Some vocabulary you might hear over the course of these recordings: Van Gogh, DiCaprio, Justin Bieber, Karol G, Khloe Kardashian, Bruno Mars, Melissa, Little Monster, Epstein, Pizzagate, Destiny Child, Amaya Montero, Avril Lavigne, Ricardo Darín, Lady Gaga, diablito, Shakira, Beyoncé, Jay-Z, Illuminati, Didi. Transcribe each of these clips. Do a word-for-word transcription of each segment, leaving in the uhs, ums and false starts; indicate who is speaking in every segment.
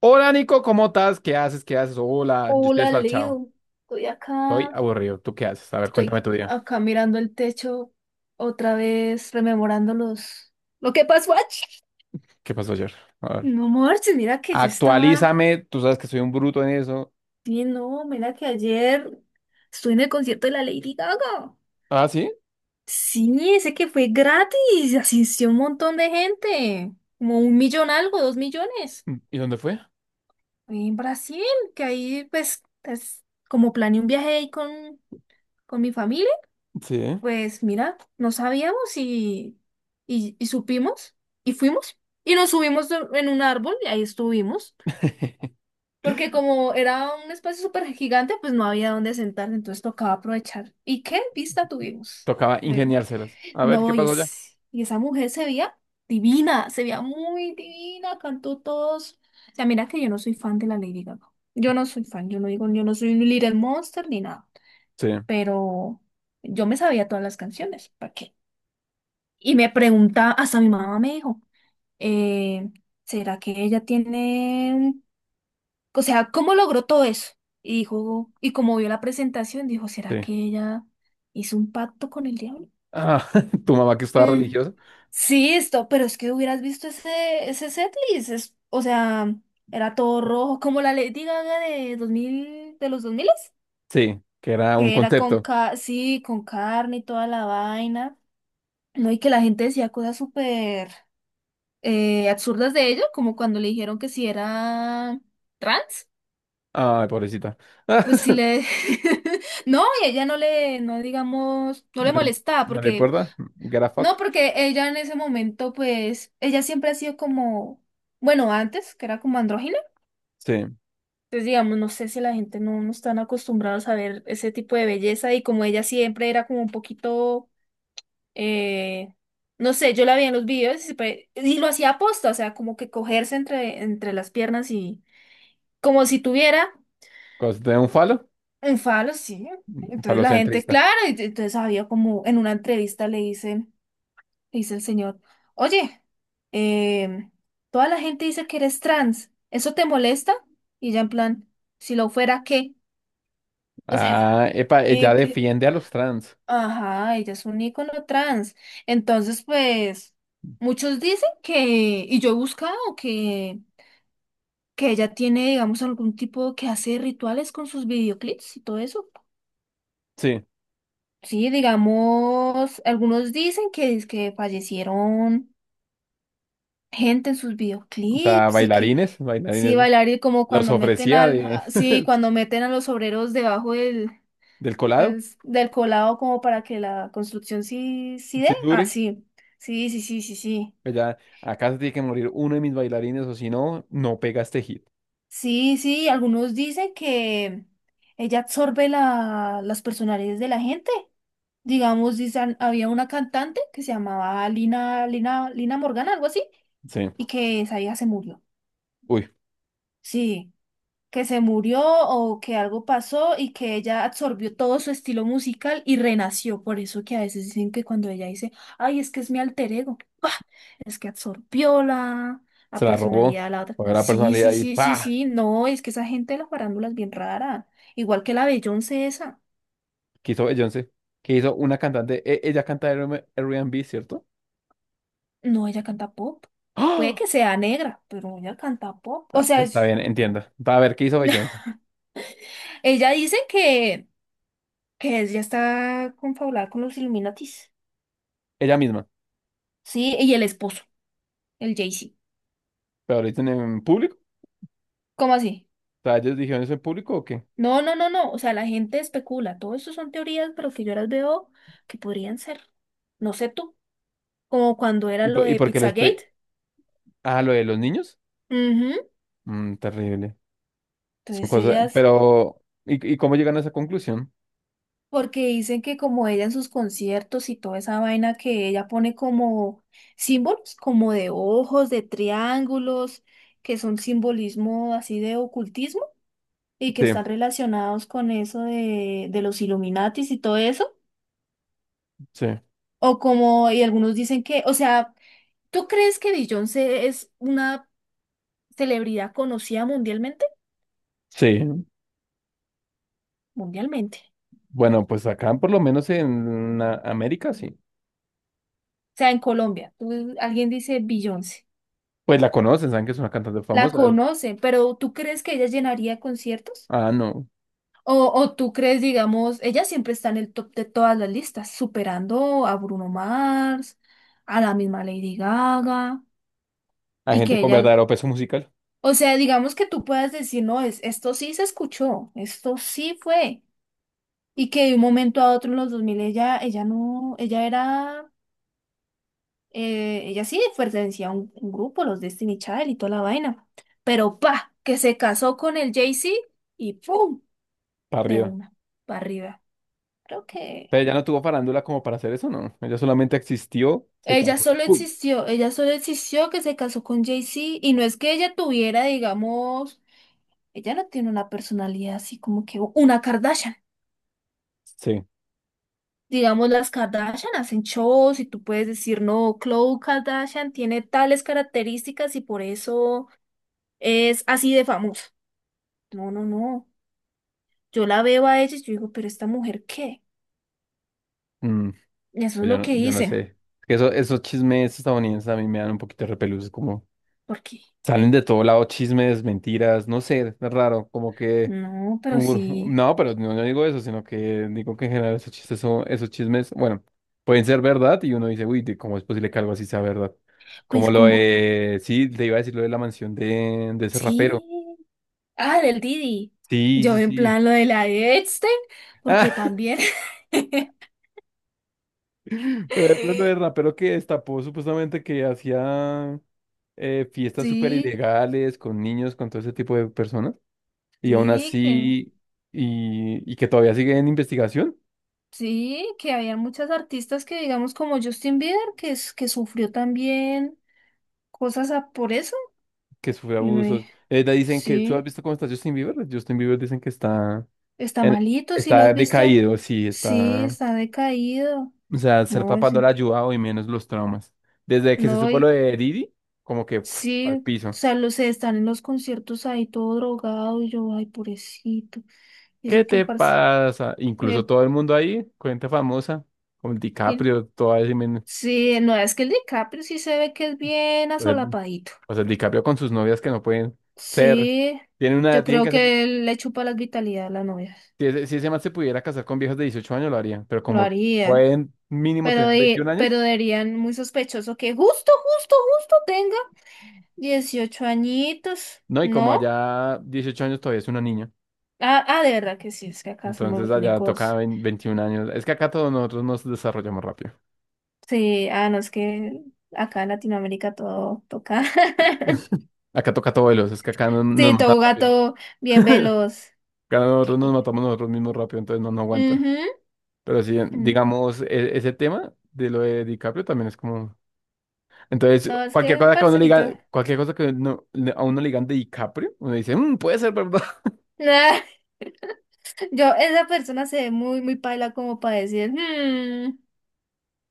Speaker 1: Hola, Nico, ¿cómo estás? ¿Qué haces? ¿Qué haces? Hola, yo estoy
Speaker 2: Hola,
Speaker 1: desparchado.
Speaker 2: Leo. Estoy
Speaker 1: Estoy
Speaker 2: acá,
Speaker 1: aburrido. ¿Tú qué haces? A ver, cuéntame
Speaker 2: estoy
Speaker 1: tu día.
Speaker 2: acá mirando el techo otra vez, rememorando los... ¿lo que pasó ayer?
Speaker 1: ¿Qué pasó ayer? A ver.
Speaker 2: No marches, mira que yo estaba...
Speaker 1: Actualízame. Tú sabes que soy un bruto en eso.
Speaker 2: Sí, no, mira que ayer estuve en el concierto de la Lady Gaga.
Speaker 1: Ah, ¿sí?
Speaker 2: Sí, ese que fue gratis, asistió un montón de gente, como un millón algo, dos millones.
Speaker 1: ¿Y dónde fue?
Speaker 2: Fue en Brasil, que ahí pues es como planeé un viaje ahí con, con mi familia.
Speaker 1: Sí.
Speaker 2: Pues mira, no sabíamos y, y, y supimos y fuimos y nos subimos do- en un árbol y ahí estuvimos, porque como era un espacio súper gigante, pues no había dónde sentarse, entonces tocaba aprovechar. ¿Y qué vista tuvimos?
Speaker 1: Tocaba
Speaker 2: De-
Speaker 1: ingeniárselas. A ver,
Speaker 2: No,
Speaker 1: ¿qué
Speaker 2: y,
Speaker 1: pasó ya?
Speaker 2: es- y esa mujer se veía divina, se veía muy divina, cantó todos. O sea, mira que yo no soy fan de la Lady Gaga. Yo no soy fan, yo no digo, yo no soy un Little Monster ni nada,
Speaker 1: Sí,
Speaker 2: pero yo me sabía todas las canciones, ¿para qué? Y me preguntaba, hasta mi mamá me dijo, eh, ¿será que ella tiene, un- o sea, cómo logró todo eso? Y dijo, y como vio la presentación, dijo, ¿será
Speaker 1: sí.
Speaker 2: que ella hizo un pacto con el diablo?
Speaker 1: Ah, tu mamá que estaba
Speaker 2: Mm,
Speaker 1: religiosa.
Speaker 2: sí, esto, pero es que hubieras visto ese, ese setlist, es- o sea, era todo rojo, como la Lady Gaga de dos mil, de los dos mil,
Speaker 1: Sí, que era un
Speaker 2: que era con,
Speaker 1: concepto.
Speaker 2: ca sí, con carne y toda la vaina, ¿no? Y que la gente decía cosas súper... eh, absurdas de ello, como cuando le dijeron que si era trans,
Speaker 1: Ay, pobrecita.
Speaker 2: pues si le... No, y ella no le, no digamos, no
Speaker 1: No,
Speaker 2: le
Speaker 1: le
Speaker 2: molestaba,
Speaker 1: no le
Speaker 2: porque,
Speaker 1: importa. Get a
Speaker 2: no,
Speaker 1: fuck.
Speaker 2: porque ella en ese momento, pues, ella siempre ha sido como, bueno, antes, que era como andrógina.
Speaker 1: Sí.
Speaker 2: Entonces, digamos, no sé si la gente no, no están acostumbrados a ver ese tipo de belleza y como ella siempre era como un poquito, eh, no sé, yo la vi en los videos y siempre... y lo hacía aposta, o sea, como que cogerse entre, entre las piernas y, como si tuviera
Speaker 1: ¿Cos- de un falo?
Speaker 2: un falo, sí.
Speaker 1: Un
Speaker 2: Entonces la gente,
Speaker 1: falocentrista.
Speaker 2: claro, y entonces había como en una entrevista le dicen, dice el señor, oye, em, toda la gente dice que eres trans, ¿eso te molesta? Y ella en plan, si lo fuera, ¿qué? O
Speaker 1: Ah,
Speaker 2: sea,
Speaker 1: epa, ella
Speaker 2: eh, que-
Speaker 1: defiende a los trans.
Speaker 2: ajá, ella es un ícono trans. Entonces, pues, muchos dicen que, y yo he buscado que, que ella tiene, digamos, algún tipo que hace rituales con sus videoclips y todo eso.
Speaker 1: Sí,
Speaker 2: Sí, digamos, algunos dicen que, que fallecieron gente en sus
Speaker 1: o sea,
Speaker 2: videoclips y que
Speaker 1: bailarines,
Speaker 2: sí,
Speaker 1: bailarines.
Speaker 2: bailar y como
Speaker 1: Los
Speaker 2: cuando meten
Speaker 1: ofrecía
Speaker 2: al,
Speaker 1: de,
Speaker 2: a- sí, cuando meten a los obreros debajo del,
Speaker 1: del colado,
Speaker 2: del, del colado como para que la construcción sí, sí dé.
Speaker 1: si
Speaker 2: Ah,
Speaker 1: dure.
Speaker 2: sí, sí, sí, sí, sí, sí.
Speaker 1: Pues ya, acá se tiene que morir uno de mis bailarines o si no, no pega este hit.
Speaker 2: Sí, sí, algunos dicen que ella absorbe la, las personalidades de la gente. Digamos, dicen, había una cantante que se llamaba Lina, Lina, Lina Morgana, algo así
Speaker 1: Sí,
Speaker 2: y que esa vieja se murió.
Speaker 1: uy,
Speaker 2: Sí, que se murió o que algo pasó y que ella absorbió todo su estilo musical y renació. Por eso que a veces dicen que cuando ella dice, ay, es que es mi alter ego, ¡pah! Es que absorbió la,
Speaker 1: se
Speaker 2: la
Speaker 1: la robó.
Speaker 2: personalidad de la otra.
Speaker 1: Fue una
Speaker 2: Sí,
Speaker 1: personalidad
Speaker 2: sí,
Speaker 1: y
Speaker 2: sí, sí,
Speaker 1: pa,
Speaker 2: sí, no, es que esa gente de la farándula es bien rara. Igual que la Beyoncé esa.
Speaker 1: quiso Beyoncé, que hizo una cantante, e- ella canta R- and B, ¿cierto?
Speaker 2: No, ella canta pop. Puede
Speaker 1: ¡Ah!
Speaker 2: que sea negra, pero ella canta pop. O
Speaker 1: Ah,
Speaker 2: sea,
Speaker 1: está
Speaker 2: es-
Speaker 1: bien, entiendo. Va a ver, ¿qué hizo Beyoncé?
Speaker 2: ella dice que que es, ya está confabulada con los Illuminatis.
Speaker 1: Ella misma,
Speaker 2: Sí, y el esposo, el Jay-Z.
Speaker 1: pero lo dicen en público.
Speaker 2: ¿Cómo así?
Speaker 1: ¿O sea, ellos dijeron eso en público o qué?
Speaker 2: No, no, no, no. O sea, la gente especula. Todo eso son teorías, pero que yo las veo que podrían ser. No sé tú. Como cuando era
Speaker 1: ¿Y
Speaker 2: lo
Speaker 1: por, ¿y
Speaker 2: de
Speaker 1: por qué les pe...
Speaker 2: Pizzagate.
Speaker 1: Ah, lo de los niños?
Speaker 2: Ujú.
Speaker 1: Mm, terrible. Son
Speaker 2: Entonces
Speaker 1: cosas,
Speaker 2: ellas,
Speaker 1: pero ¿y, y cómo llegan a esa conclusión?
Speaker 2: porque dicen que como ella en sus conciertos y toda esa vaina que ella pone como símbolos, como de ojos, de triángulos, que son simbolismo así de ocultismo, y que
Speaker 1: Sí,
Speaker 2: están relacionados con eso de, de los Illuminatis y todo eso,
Speaker 1: sí,
Speaker 2: o como, y algunos dicen que, o sea, ¿tú crees que Beyoncé es una celebridad conocida mundialmente?
Speaker 1: sí.
Speaker 2: Mundialmente.
Speaker 1: Bueno, pues acá por lo menos en la- América sí.
Speaker 2: O sea, en Colombia, tú- alguien dice Beyoncé,
Speaker 1: Pues la conocen, saben que es una cantante
Speaker 2: la
Speaker 1: famosa.
Speaker 2: conocen, pero ¿tú crees que ella llenaría conciertos?
Speaker 1: Ah, no.
Speaker 2: O, o tú crees, digamos, ella siempre está en el top de todas las listas, superando a Bruno Mars, a la misma Lady Gaga,
Speaker 1: Hay
Speaker 2: y
Speaker 1: gente
Speaker 2: que
Speaker 1: con
Speaker 2: ella...
Speaker 1: verdadero peso musical
Speaker 2: O sea, digamos que tú puedas decir, no, es, esto sí se escuchó, esto sí fue. Y que de un momento a otro en los dos mil ella, ella no, ella era, eh, ella sí pertenecía a un, un grupo, los Destiny Child y toda la vaina. Pero pa, que se casó con el Jay-Z y pum,
Speaker 1: para
Speaker 2: de
Speaker 1: arriba.
Speaker 2: una, para arriba. Creo que
Speaker 1: Pero ella no tuvo farándula como para hacer eso, ¿no? Ella solamente existió, se
Speaker 2: ella
Speaker 1: casó.
Speaker 2: solo
Speaker 1: ¡Pum!
Speaker 2: existió, ella solo existió que se casó con Jay-Z y no es que ella tuviera, digamos, ella no tiene una personalidad así como que una Kardashian.
Speaker 1: Sí.
Speaker 2: Digamos, las Kardashian hacen shows y tú puedes decir, no, Khloe Kardashian tiene tales características y por eso es así de famosa. No, no, no. Yo la veo a ella y yo digo, pero esta mujer, ¿qué?
Speaker 1: Mm,
Speaker 2: Y eso
Speaker 1: pues
Speaker 2: es
Speaker 1: yo
Speaker 2: lo
Speaker 1: no,
Speaker 2: que
Speaker 1: yo no sé.
Speaker 2: dicen.
Speaker 1: Es que eso, esos chismes estadounidenses a mí me dan un poquito de repelús, como
Speaker 2: Porque,
Speaker 1: salen de todo lado chismes, mentiras, no sé, es raro, como que
Speaker 2: no, pero
Speaker 1: Ur-
Speaker 2: sí,
Speaker 1: no, pero no, no digo eso, sino que digo que en general esos chistes son, esos chismes, bueno, pueden ser verdad y uno dice, uy, de- ¿cómo es posible que algo así sea verdad? Como
Speaker 2: pues
Speaker 1: lo
Speaker 2: como,
Speaker 1: de, sí, te iba a decir lo de la mansión de, de ese
Speaker 2: sí.
Speaker 1: rapero.
Speaker 2: Ah, del Didi.
Speaker 1: Sí,
Speaker 2: Yo
Speaker 1: sí,
Speaker 2: en
Speaker 1: sí.
Speaker 2: plan lo de la de Epstein,
Speaker 1: Ah,
Speaker 2: porque también.
Speaker 1: pero el problema del rapero que destapó supuestamente que hacía eh, fiestas súper
Speaker 2: Sí,
Speaker 1: ilegales con niños, con todo ese tipo de personas, y aún
Speaker 2: sí, que.
Speaker 1: así, y, y que todavía sigue en investigación.
Speaker 2: Sí, que había muchas artistas que, digamos, como Justin Bieber, que, es- que sufrió también cosas a- por eso.
Speaker 1: Que sufre
Speaker 2: Y uno,
Speaker 1: abusos.
Speaker 2: eh,
Speaker 1: Eh, le dicen que, ¿tú has
Speaker 2: sí,
Speaker 1: visto cómo está Justin Bieber? Justin Bieber dicen que está,
Speaker 2: está
Speaker 1: en-
Speaker 2: malito, si lo
Speaker 1: está
Speaker 2: has visto. eh,
Speaker 1: decaído, sí,
Speaker 2: Sí,
Speaker 1: está,
Speaker 2: está decaído.
Speaker 1: o sea, ser
Speaker 2: No,
Speaker 1: papá
Speaker 2: es
Speaker 1: no le
Speaker 2: en
Speaker 1: ha ayudado y menos los traumas. Desde que se
Speaker 2: no,
Speaker 1: supo lo
Speaker 2: y
Speaker 1: de Didi, como que pf,
Speaker 2: sí,
Speaker 1: al
Speaker 2: o
Speaker 1: piso.
Speaker 2: sea, los están en los conciertos ahí todo drogado y yo, ay, pobrecito. Y
Speaker 1: ¿Qué
Speaker 2: eso que el
Speaker 1: te
Speaker 2: parce,
Speaker 1: pasa? Incluso
Speaker 2: el,
Speaker 1: todo el mundo ahí, cuenta famosa, como el
Speaker 2: el-
Speaker 1: DiCaprio, toda ese men-
Speaker 2: sí, no, es que el DiCaprio sí se ve que es bien
Speaker 1: o sea,
Speaker 2: asolapadito.
Speaker 1: o sea, el DiCaprio con sus novias que no pueden ser,
Speaker 2: Sí,
Speaker 1: tienen una,
Speaker 2: yo
Speaker 1: tienen
Speaker 2: creo
Speaker 1: que hacer,
Speaker 2: que él le chupa la vitalidad a la novia.
Speaker 1: si ese, si ese man se pudiera casar con viejas de dieciocho años lo haría, pero
Speaker 2: Lo
Speaker 1: como
Speaker 2: haría.
Speaker 1: pueden mínimo
Speaker 2: Pero,
Speaker 1: tener veintiún
Speaker 2: de-
Speaker 1: años,
Speaker 2: pero dirían muy sospechoso que justo, justo, justo tenga dieciocho añitos,
Speaker 1: No, y como
Speaker 2: ¿no?
Speaker 1: allá dieciocho años todavía es una niña,
Speaker 2: Ah, ah, de verdad que sí, es que acá somos
Speaker 1: entonces
Speaker 2: los
Speaker 1: allá toca
Speaker 2: únicos.
Speaker 1: vein- veintiún años. Es que acá todos nosotros nos desarrollamos rápido.
Speaker 2: Sí, ah, no, es que acá en Latinoamérica todo toca.
Speaker 1: Acá toca todo veloz, es que acá no- nos
Speaker 2: Sí,
Speaker 1: matan
Speaker 2: todo
Speaker 1: rápido.
Speaker 2: gato bien veloz.
Speaker 1: Acá nosotros nos
Speaker 2: Y...
Speaker 1: matamos nosotros mismos rápido, entonces no, no aguanta.
Speaker 2: ujú,
Speaker 1: Pero sí,
Speaker 2: mm.
Speaker 1: digamos, e- ese tema de lo de DiCaprio también es como... Entonces,
Speaker 2: No, es
Speaker 1: cualquier
Speaker 2: que el
Speaker 1: cosa que a uno le
Speaker 2: parcerito.
Speaker 1: digan, cualquier cosa que uno- le- a uno le digan de DiCaprio, uno dice, "Mm, puede ser, ¿verdad?"
Speaker 2: Yo, esa persona se ve muy, muy paila como para decir, "Mm,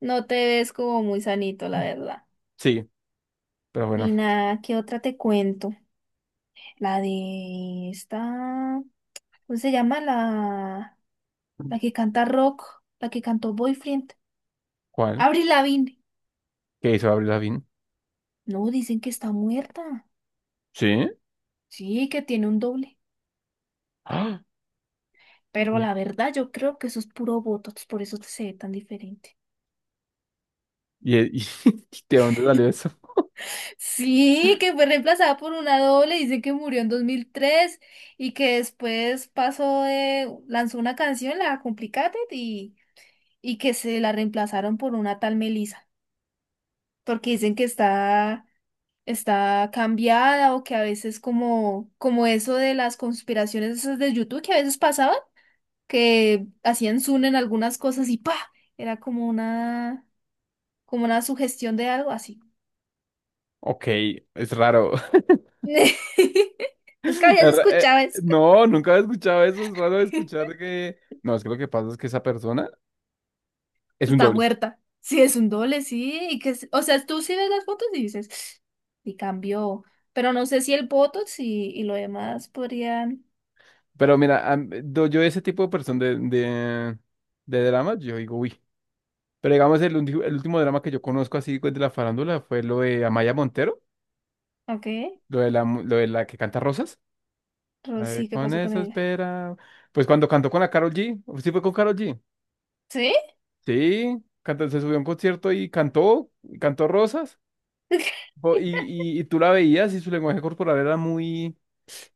Speaker 2: no te ves como muy sanito, la verdad".
Speaker 1: Sí, pero bueno,
Speaker 2: Y nada, ¿qué otra te cuento? La de esta, ¿cómo se llama? La, la que canta rock, la que cantó Boyfriend.
Speaker 1: ¿cuál?
Speaker 2: Avril Lavigne.
Speaker 1: ¿Qué hizo Avril Lavigne?
Speaker 2: No, dicen que está muerta.
Speaker 1: Sí.
Speaker 2: Sí, que tiene un doble.
Speaker 1: ¡Ah!
Speaker 2: Pero
Speaker 1: ¿Y,
Speaker 2: la verdad, yo creo que eso es puro botox, por eso se ve tan diferente.
Speaker 1: y- y- ¿de dónde salió eso?
Speaker 2: Sí, que fue reemplazada por una doble, dice que murió en dos mil tres y que después pasó de, lanzó una canción, la Complicated, y, y que se la reemplazaron por una tal Melissa, porque dicen que está, está cambiada o que a veces como, como eso de las conspiraciones esas de YouTube que a veces pasaban, que hacían zoom en algunas cosas y pa, era como una, como una sugestión de algo así.
Speaker 1: Ok, es raro. Es
Speaker 2: Nunca habías
Speaker 1: ra- eh,
Speaker 2: escuchado eso.
Speaker 1: No, nunca había escuchado eso. Es raro escuchar que. No, es que lo que pasa es que esa persona es un
Speaker 2: Está
Speaker 1: doble.
Speaker 2: muerta. Sí, es un doble, sí. Y que, es- o sea, tú sí ves las fotos y dices, y cambió. Pero no sé si el Botox y, y lo demás podrían.
Speaker 1: Pero mira, am- do- yo ese tipo de persona de, de, de dramas, yo digo, uy. Pero digamos, el, ulti- el último drama que yo conozco así pues, de la farándula fue lo de Amaya Montero,
Speaker 2: Ok.
Speaker 1: lo de la, mu- lo de la que canta Rosas. A
Speaker 2: Pero
Speaker 1: ver,
Speaker 2: sí, ¿qué
Speaker 1: con
Speaker 2: pasó con
Speaker 1: eso
Speaker 2: ella?
Speaker 1: espera. Pues cuando cantó con la Karol G, sí fue con Karol G.
Speaker 2: ¿Sí?
Speaker 1: Sí, cantó, se subió a un concierto y cantó, y cantó Rosas. po- Y, y, y tú la veías y su lenguaje corporal era muy,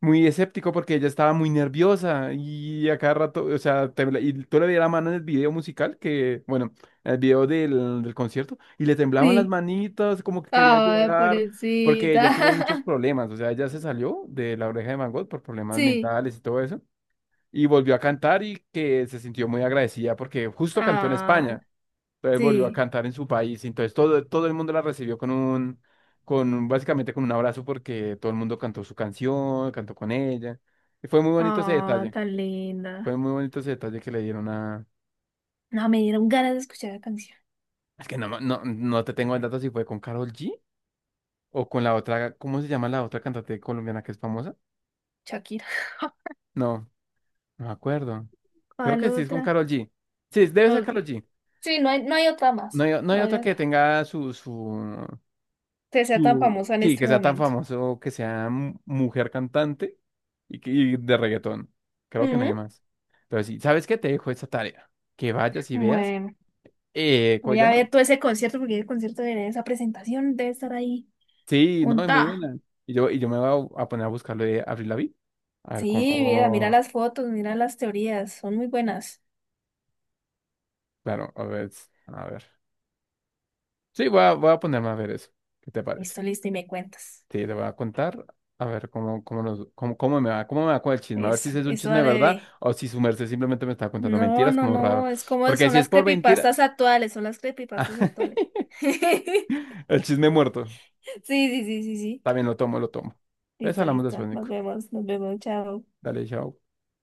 Speaker 1: muy escéptico porque ella estaba muy nerviosa y a cada rato, o sea, tembla- y tú le veías la mano en el video musical que, bueno, en el video del, del concierto y le temblaban las
Speaker 2: Sí.
Speaker 1: manitas, como que quería
Speaker 2: Ay,
Speaker 1: llorar porque ella tuvo muchos
Speaker 2: pobrecita.
Speaker 1: problemas, o sea, ella se salió de la oreja de Van Gogh por problemas
Speaker 2: Sí.
Speaker 1: mentales y todo eso y volvió a cantar y que se sintió muy agradecida porque justo cantó en
Speaker 2: Ah,
Speaker 1: España. Entonces volvió a
Speaker 2: sí.
Speaker 1: cantar en su país. Entonces todo, todo el mundo la recibió con un, con un- básicamente con un abrazo porque todo el mundo cantó su canción, cantó con ella. Y fue muy bonito ese
Speaker 2: Ah,
Speaker 1: detalle.
Speaker 2: tan
Speaker 1: Fue
Speaker 2: linda.
Speaker 1: muy bonito ese detalle que le dieron a...
Speaker 2: No, me dieron ganas de escuchar la canción.
Speaker 1: Es que no, ma- no, no te tengo el dato si fue con Karol G o con la otra, ¿cómo se llama la otra cantante colombiana que es famosa?
Speaker 2: Shakira.
Speaker 1: No, no me acuerdo. Creo
Speaker 2: ¿Cuál
Speaker 1: que sí es con
Speaker 2: otra?
Speaker 1: Karol G. Sí, debe ser
Speaker 2: Ok.
Speaker 1: Karol G.
Speaker 2: Sí, no hay, no hay otra
Speaker 1: No
Speaker 2: más.
Speaker 1: hay, no hay
Speaker 2: No hay
Speaker 1: otra que
Speaker 2: otra
Speaker 1: tenga su, su,
Speaker 2: que sea tan
Speaker 1: Tú-
Speaker 2: famosa en
Speaker 1: sí, que
Speaker 2: este
Speaker 1: sea tan
Speaker 2: momento.
Speaker 1: famoso, que sea mu- mujer cantante y, que- y de reggaetón. Creo que nadie
Speaker 2: Ujú.
Speaker 1: más. Pero sí, ¿sabes qué? Te dejo esa tarea. Que vayas y veas.
Speaker 2: Bueno,
Speaker 1: Eh, ¿cómo
Speaker 2: voy
Speaker 1: se
Speaker 2: a
Speaker 1: llama?
Speaker 2: ver todo ese concierto porque el concierto de esa presentación debe estar ahí
Speaker 1: Sí, no, es muy buena.
Speaker 2: montada.
Speaker 1: Y yo, y yo me voy a, a poner a buscarlo de Avril Lavigne. A ver
Speaker 2: Sí, mira, mira
Speaker 1: cómo.
Speaker 2: las fotos, mira las teorías, son muy buenas.
Speaker 1: Claro, a ver. A ver. Sí, voy a, voy a ponerme a ver eso. ¿Qué te parece?
Speaker 2: Listo, listo, y me cuentas.
Speaker 1: Sí, te voy a contar. A ver cómo, cómo, nos- cómo, cómo me va, cómo me va con el chisme. A ver si
Speaker 2: Eso,
Speaker 1: ese es un
Speaker 2: eso
Speaker 1: chisme de
Speaker 2: dale,
Speaker 1: verdad
Speaker 2: bebé.
Speaker 1: o si su merced simplemente me está contando
Speaker 2: No,
Speaker 1: mentiras,
Speaker 2: no,
Speaker 1: como raro.
Speaker 2: no, es como
Speaker 1: Porque
Speaker 2: son
Speaker 1: si es
Speaker 2: las
Speaker 1: por mentira,
Speaker 2: creepypastas actuales, son las creepypastas actuales.
Speaker 1: el chisme muerto.
Speaker 2: Sí, sí, sí, sí, sí.
Speaker 1: También lo tomo, lo tomo. Pues
Speaker 2: Listo,
Speaker 1: hablamos
Speaker 2: listo.
Speaker 1: después,
Speaker 2: Nos
Speaker 1: Nico.
Speaker 2: vemos, nos vemos, chao.
Speaker 1: Dale, chao.